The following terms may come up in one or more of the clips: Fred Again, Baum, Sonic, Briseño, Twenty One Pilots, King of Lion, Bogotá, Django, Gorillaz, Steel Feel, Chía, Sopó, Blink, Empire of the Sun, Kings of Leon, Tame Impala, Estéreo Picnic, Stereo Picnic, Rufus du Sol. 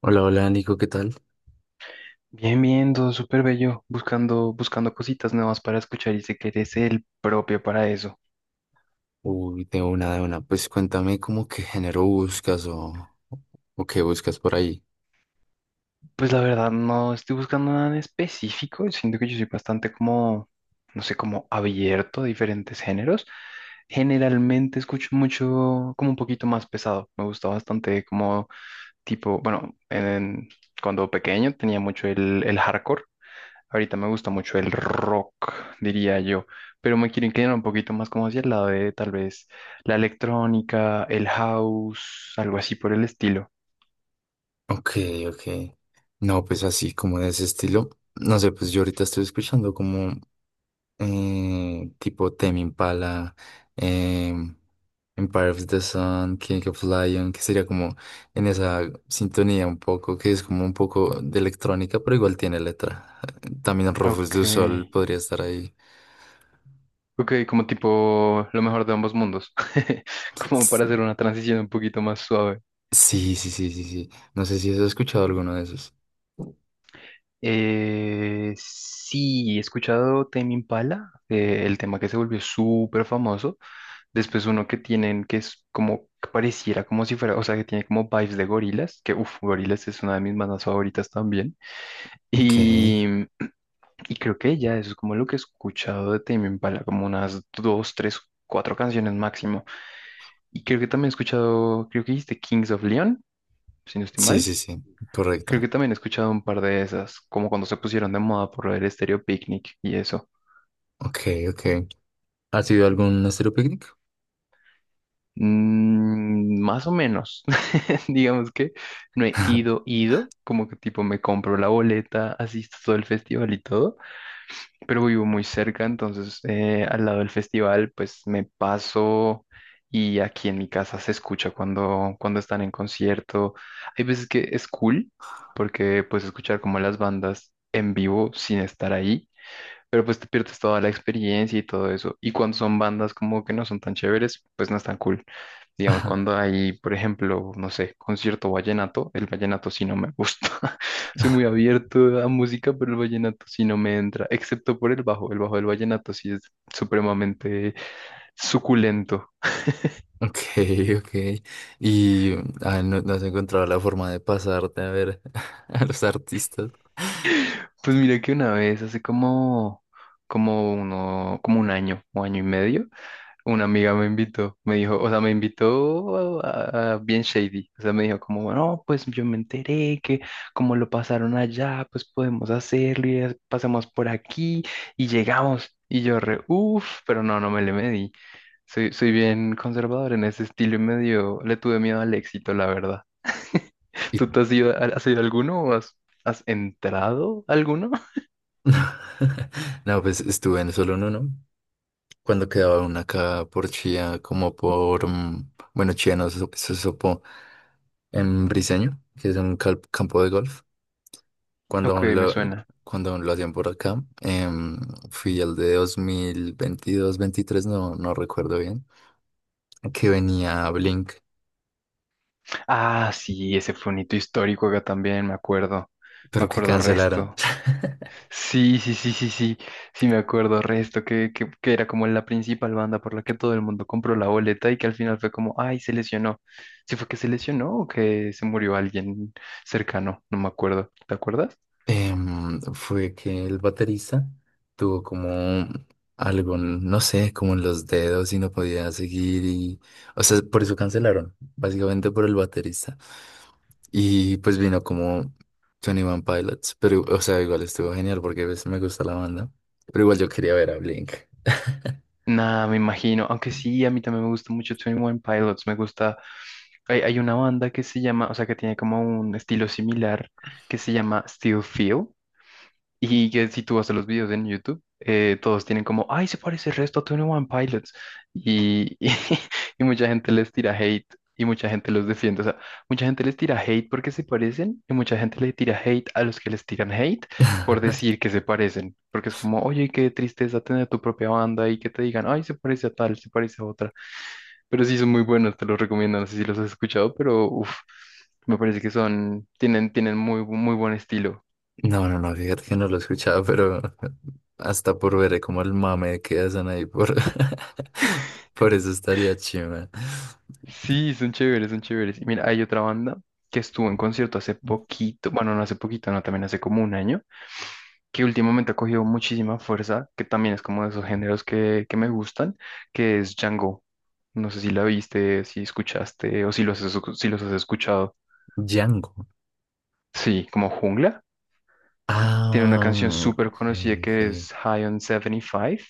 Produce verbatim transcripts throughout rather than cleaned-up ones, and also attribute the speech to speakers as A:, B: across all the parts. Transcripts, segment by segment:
A: Hola, hola Nico, ¿qué tal?
B: Bien, bien, todo súper bello, buscando, buscando cositas nuevas para escuchar y sé que eres el propio para eso.
A: Uy, tengo una de una. Pues cuéntame cómo qué género buscas o, o qué buscas por ahí.
B: Pues la verdad no estoy buscando nada en específico, siento que yo soy bastante como, no sé, como abierto a diferentes géneros. Generalmente escucho mucho, como un poquito más pesado, me gusta bastante como tipo, bueno, en- cuando pequeño tenía mucho el, el hardcore. Ahorita me gusta mucho el rock, diría yo, pero me quiero inclinar un poquito más como hacia el lado de tal vez la electrónica, el house, algo así por el estilo.
A: Ok, ok. No, pues así como de ese estilo. No sé, pues yo ahorita estoy escuchando como eh, tipo Tame Impala, em, Empire of the Sun, King of Lion, que sería como en esa sintonía un poco, que es como un poco de electrónica, pero igual tiene letra. También Rufus
B: Ok,
A: du Sol podría estar ahí.
B: ok, como tipo lo mejor de ambos mundos, como para hacer una transición un poquito más suave.
A: Sí, sí, sí, sí, sí. No sé si has escuchado alguno de esos.
B: Eh, sí, he escuchado Tame Impala, eh, el tema que se volvió súper famoso. Después uno que tienen que es como que pareciera como si fuera, o sea, que tiene como vibes de gorilas, que uff, gorilas es una de mis bandas favoritas también.
A: Ok.
B: Y, y creo que ya eso es como lo que he escuchado de Tame Impala, como unas dos, tres, cuatro canciones máximo. Y creo que también he escuchado, creo que dijiste Kings of Leon, si no estoy
A: Sí, sí,
B: mal.
A: sí.
B: Creo
A: Correcto.
B: que también he escuchado un par de esas, como cuando se pusieron de moda por el Stereo Picnic y eso.
A: Ok, ok. ¿Has ido a algún estero picnic?
B: Mm, más o menos. Digamos que no he ido, ido, como que tipo me compro la boleta, asisto todo el festival y todo, pero vivo muy cerca, entonces eh, al lado del festival pues me paso y aquí en mi casa se escucha cuando, cuando están en concierto. Hay veces que es cool porque puedes escuchar como las bandas en vivo sin estar ahí pero pues te pierdes toda la experiencia y todo eso. Y cuando son bandas como que no son tan chéveres, pues no es tan cool. Digamos, cuando hay, por ejemplo, no sé, concierto vallenato, el vallenato sí no me gusta. Soy muy abierto a música, pero el vallenato sí no me entra, excepto por el bajo. El bajo del vallenato sí es supremamente suculento.
A: Ok, ok. Y ah, no, no has encontrado la forma de pasarte a ver a los artistas.
B: Pues mira que una vez, hace como, como uno, como un año o año y medio, una amiga me invitó, me dijo, o sea, me invitó a, a- bien shady, o sea, me dijo como, no, pues yo me enteré que como lo pasaron allá, pues podemos hacerlo y es- pasamos por aquí y llegamos. Y yo re, uff, pero no, no me le medí. Soy, soy bien conservador en ese estilo y medio, le tuve miedo al éxito, la verdad.
A: Y...
B: ¿Tú te has ido, a- has ido a alguno o has, has entrado a alguno?
A: No, pues estuve en solo en uno. Cuando quedaba una acá por Chía, como por, mm, bueno, Chía no, eso, eso es Sopó, en Briseño, que es un cal- campo de golf. Cuando
B: Ok,
A: aún
B: me
A: lo,
B: suena.
A: cuando aún lo hacían por acá, em, fui al de dos mil veintidós-veintitrés, no, no recuerdo bien, que venía Blink,
B: Ah, sí, ese fue un hito histórico acá también, me acuerdo. Me
A: pero que
B: acuerdo
A: cancelaron.
B: resto. Sí, sí, sí, sí, sí. Sí, me acuerdo resto, que, que, que era como la principal banda por la que todo el mundo compró la boleta y que al final fue como, ay, se lesionó. ¿Sí fue que se lesionó o que se murió alguien cercano? No me acuerdo. ¿Te acuerdas?
A: Em, fue que el baterista tuvo como algo, no sé, como en los dedos y no podía seguir y, o sea, por eso cancelaron, básicamente por el baterista. Y pues vino como Twenty One Pilots, pero, o sea, igual estuvo genial porque pues, me gusta la banda, pero igual yo quería ver a Blink.
B: Nada, me imagino. Aunque sí, a mí también me gusta mucho veintiún Pilots. Me gusta. Hay, hay una banda que se llama, o sea, que tiene como un estilo similar que se llama Steel Feel. Y que si tú vas a los videos en YouTube, eh, todos tienen como, ay, se parece el resto a Twenty One Pilots. Y, y, y mucha gente les tira hate y mucha gente los defiende. O sea, mucha gente les tira hate porque se parecen y mucha gente le tira hate a los que les tiran hate por decir que se parecen. Porque es como, oye, qué tristeza tener tu propia banda y que te digan, ay, se parece a tal, se parece a otra. Pero sí son muy buenos, te los recomiendo. No sé si los has escuchado, pero uff, me parece que son, tienen, tienen muy, muy buen estilo.
A: No, no, no, fíjate que no lo escuchaba, pero hasta por ver como el mame que hacen ahí por, por eso estaría chima.
B: Sí, son chéveres, son chéveres. Y mira, hay otra banda que estuvo en concierto hace poquito, bueno, no hace poquito, no, también hace como un año, que últimamente ha cogido muchísima fuerza, que también es como de esos géneros que, que me gustan, que es Django. No sé si la viste, si escuchaste o si los has, si los has escuchado.
A: Django.
B: Sí, como Jungla. Tiene una canción
A: Ah,
B: súper
A: ok,
B: conocida que es
A: ok.
B: High on setenta y cinco.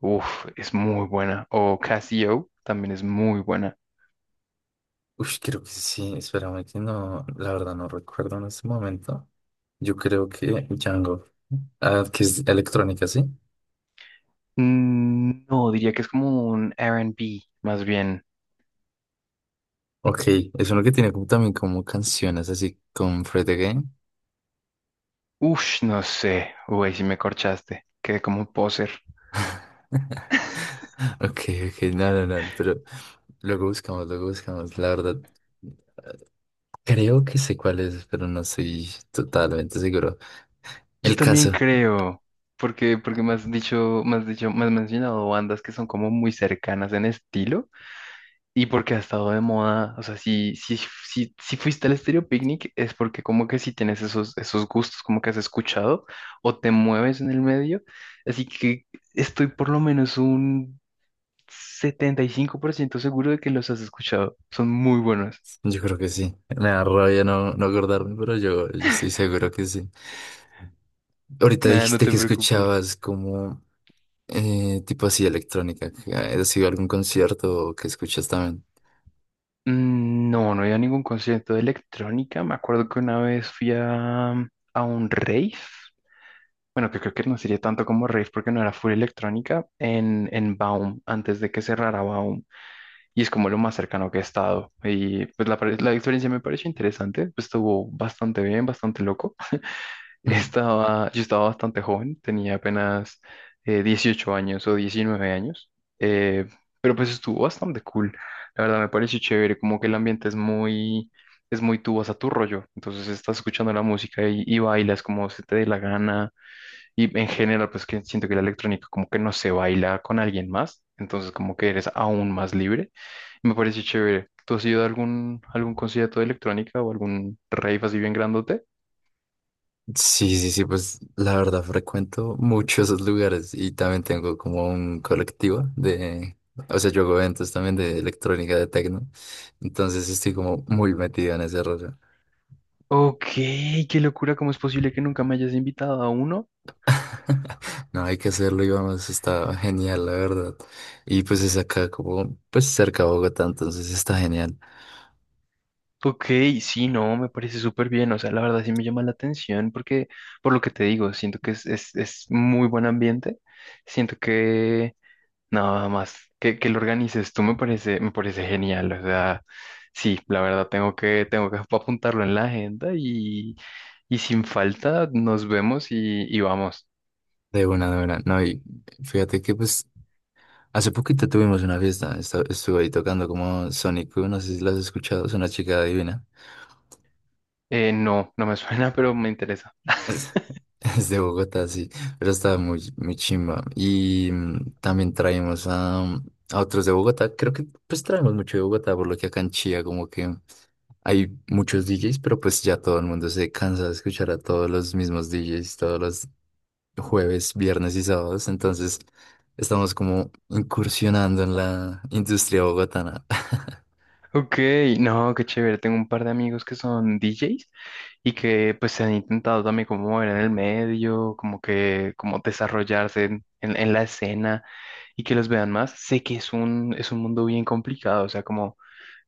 B: Uf, es muy buena. O Casio también es muy buena.
A: Uy, creo que sí. Espérame que no, la verdad no recuerdo en este momento. Yo creo que Django. Ah, que es electrónica, ¿sí?
B: Mm, No, diría que es como un R and R and B, más bien.
A: Ok, es uno que tiene como, también como canciones así con Fred Again.
B: Ush, no sé. Uy, si me corchaste. Quedé como un poser.
A: Ok, ok, no, no, no, pero luego buscamos, luego buscamos. La verdad, creo que sé cuál es, pero no estoy totalmente seguro.
B: Yo
A: El
B: también
A: caso.
B: creo, porque, porque me has dicho, me has dicho, me has mencionado bandas que son como muy cercanas en estilo y porque ha estado de moda. O sea, si, si, si, si fuiste al Estéreo Picnic es porque como que si tienes esos, esos gustos, como que has escuchado o te mueves en el medio. Así que estoy por lo menos un setenta y cinco por ciento seguro de que los has escuchado. Son muy buenos.
A: Yo creo que sí. Me da rabia no, no acordarme, pero yo, yo estoy seguro que sí. Ahorita
B: Nada, no
A: dijiste
B: te
A: que
B: preocupes.
A: escuchabas como eh, tipo así electrónica. ¿Has ido a algún concierto que escuchas también?
B: Mm, No, no había ningún concierto de electrónica. Me acuerdo que una vez fui a, a un rave. Bueno, que creo que no sería tanto como rave porque no era full electrónica en, en Baum, antes de que cerrara Baum. Y es como lo más cercano que he estado. Y pues la, pare- la experiencia me pareció interesante. Pues estuvo bastante bien, bastante loco.
A: Mm,
B: Estaba, yo estaba bastante joven, tenía apenas eh, dieciocho años o diecinueve años, eh, pero pues estuvo bastante cool. La verdad me pareció chévere, como que el ambiente es muy, es muy tú vas a tu rollo. Entonces estás escuchando la música y, y bailas como se te dé la gana. Y en general, pues que siento que la electrónica como que no se baila con alguien más, entonces como que eres aún más libre. Y me pareció chévere. ¿Tú has ido a algún, algún concierto de electrónica o algún rave así bien grandote?
A: sí, sí, sí, pues la verdad frecuento muchos esos lugares y también tengo como un colectivo de, o sea, yo hago eventos también de electrónica, de techno, entonces estoy como muy metido en ese rollo.
B: Ok, qué locura, ¿cómo es posible que nunca me hayas invitado a uno?
A: No, hay que hacerlo, y vamos, está genial, la verdad. Y pues es acá como, pues cerca de Bogotá, entonces está genial.
B: Ok, sí, no, me parece súper bien, o sea, la verdad sí me llama la atención porque, por lo que te digo, siento que es, es, es muy buen ambiente, siento que nada más que, que lo organices tú me parece, me parece genial, o sea, sí, la verdad tengo que, tengo que apuntarlo en la agenda y, y sin falta nos vemos y, y vamos.
A: De buena, de buena. No, y fíjate que pues hace poquito tuvimos una fiesta, esta- estuve ahí tocando como Sonic, no sé si la has escuchado, es una chica divina.
B: Eh, no, no me suena, pero me interesa.
A: Es, es de Bogotá, sí, pero estaba muy, muy chimba. Y mm, también traemos a, a otros de Bogotá, creo que pues traemos mucho de Bogotá, por lo que acá en Chía como que... Hay muchos D Js, pero pues ya todo el mundo se cansa de escuchar a todos los mismos D Js todos los jueves, viernes y sábados. Entonces estamos como incursionando en la industria bogotana.
B: Ok, no, qué chévere. Tengo un par de amigos que son D Js y que pues se han intentado también como mover en el medio, como que como desarrollarse en, en- en la escena y que los vean más. Sé que es un, es un mundo bien complicado, o sea, como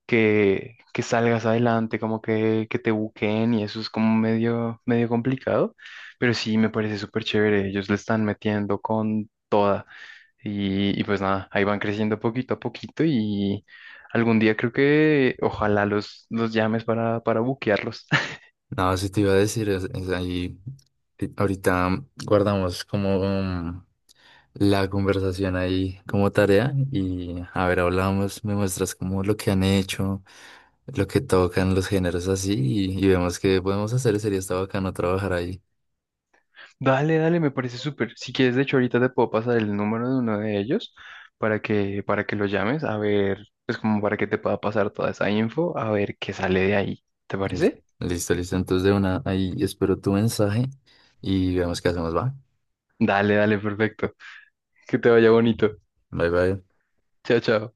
B: que, que salgas adelante, como que, que te buqueen y eso es como medio, medio complicado, pero sí me parece súper chévere. Ellos le están metiendo con toda. Y, y pues nada, ahí van creciendo poquito a poquito y algún día creo que ojalá los, los llames para, para buquearlos.
A: No, si te iba a decir, es, es ahí, eh, ahorita guardamos como um, la conversación ahí como tarea y a ver, hablamos, me muestras como lo que han hecho, lo que tocan los géneros así y, y vemos qué podemos hacer. Sería está bacano trabajar ahí.
B: Dale, dale, me parece súper. Si quieres, de hecho, ahorita te puedo pasar el número de uno de ellos para que, para que lo llames, a ver, pues como para que te pueda pasar toda esa info, a ver qué sale de ahí. ¿Te
A: Lis-
B: parece?
A: Listo, listo. Entonces de una, ahí espero tu mensaje y veamos qué hacemos, ¿va?
B: Dale, dale, perfecto. Que te vaya bonito.
A: Bye, bye.
B: Chao, chao.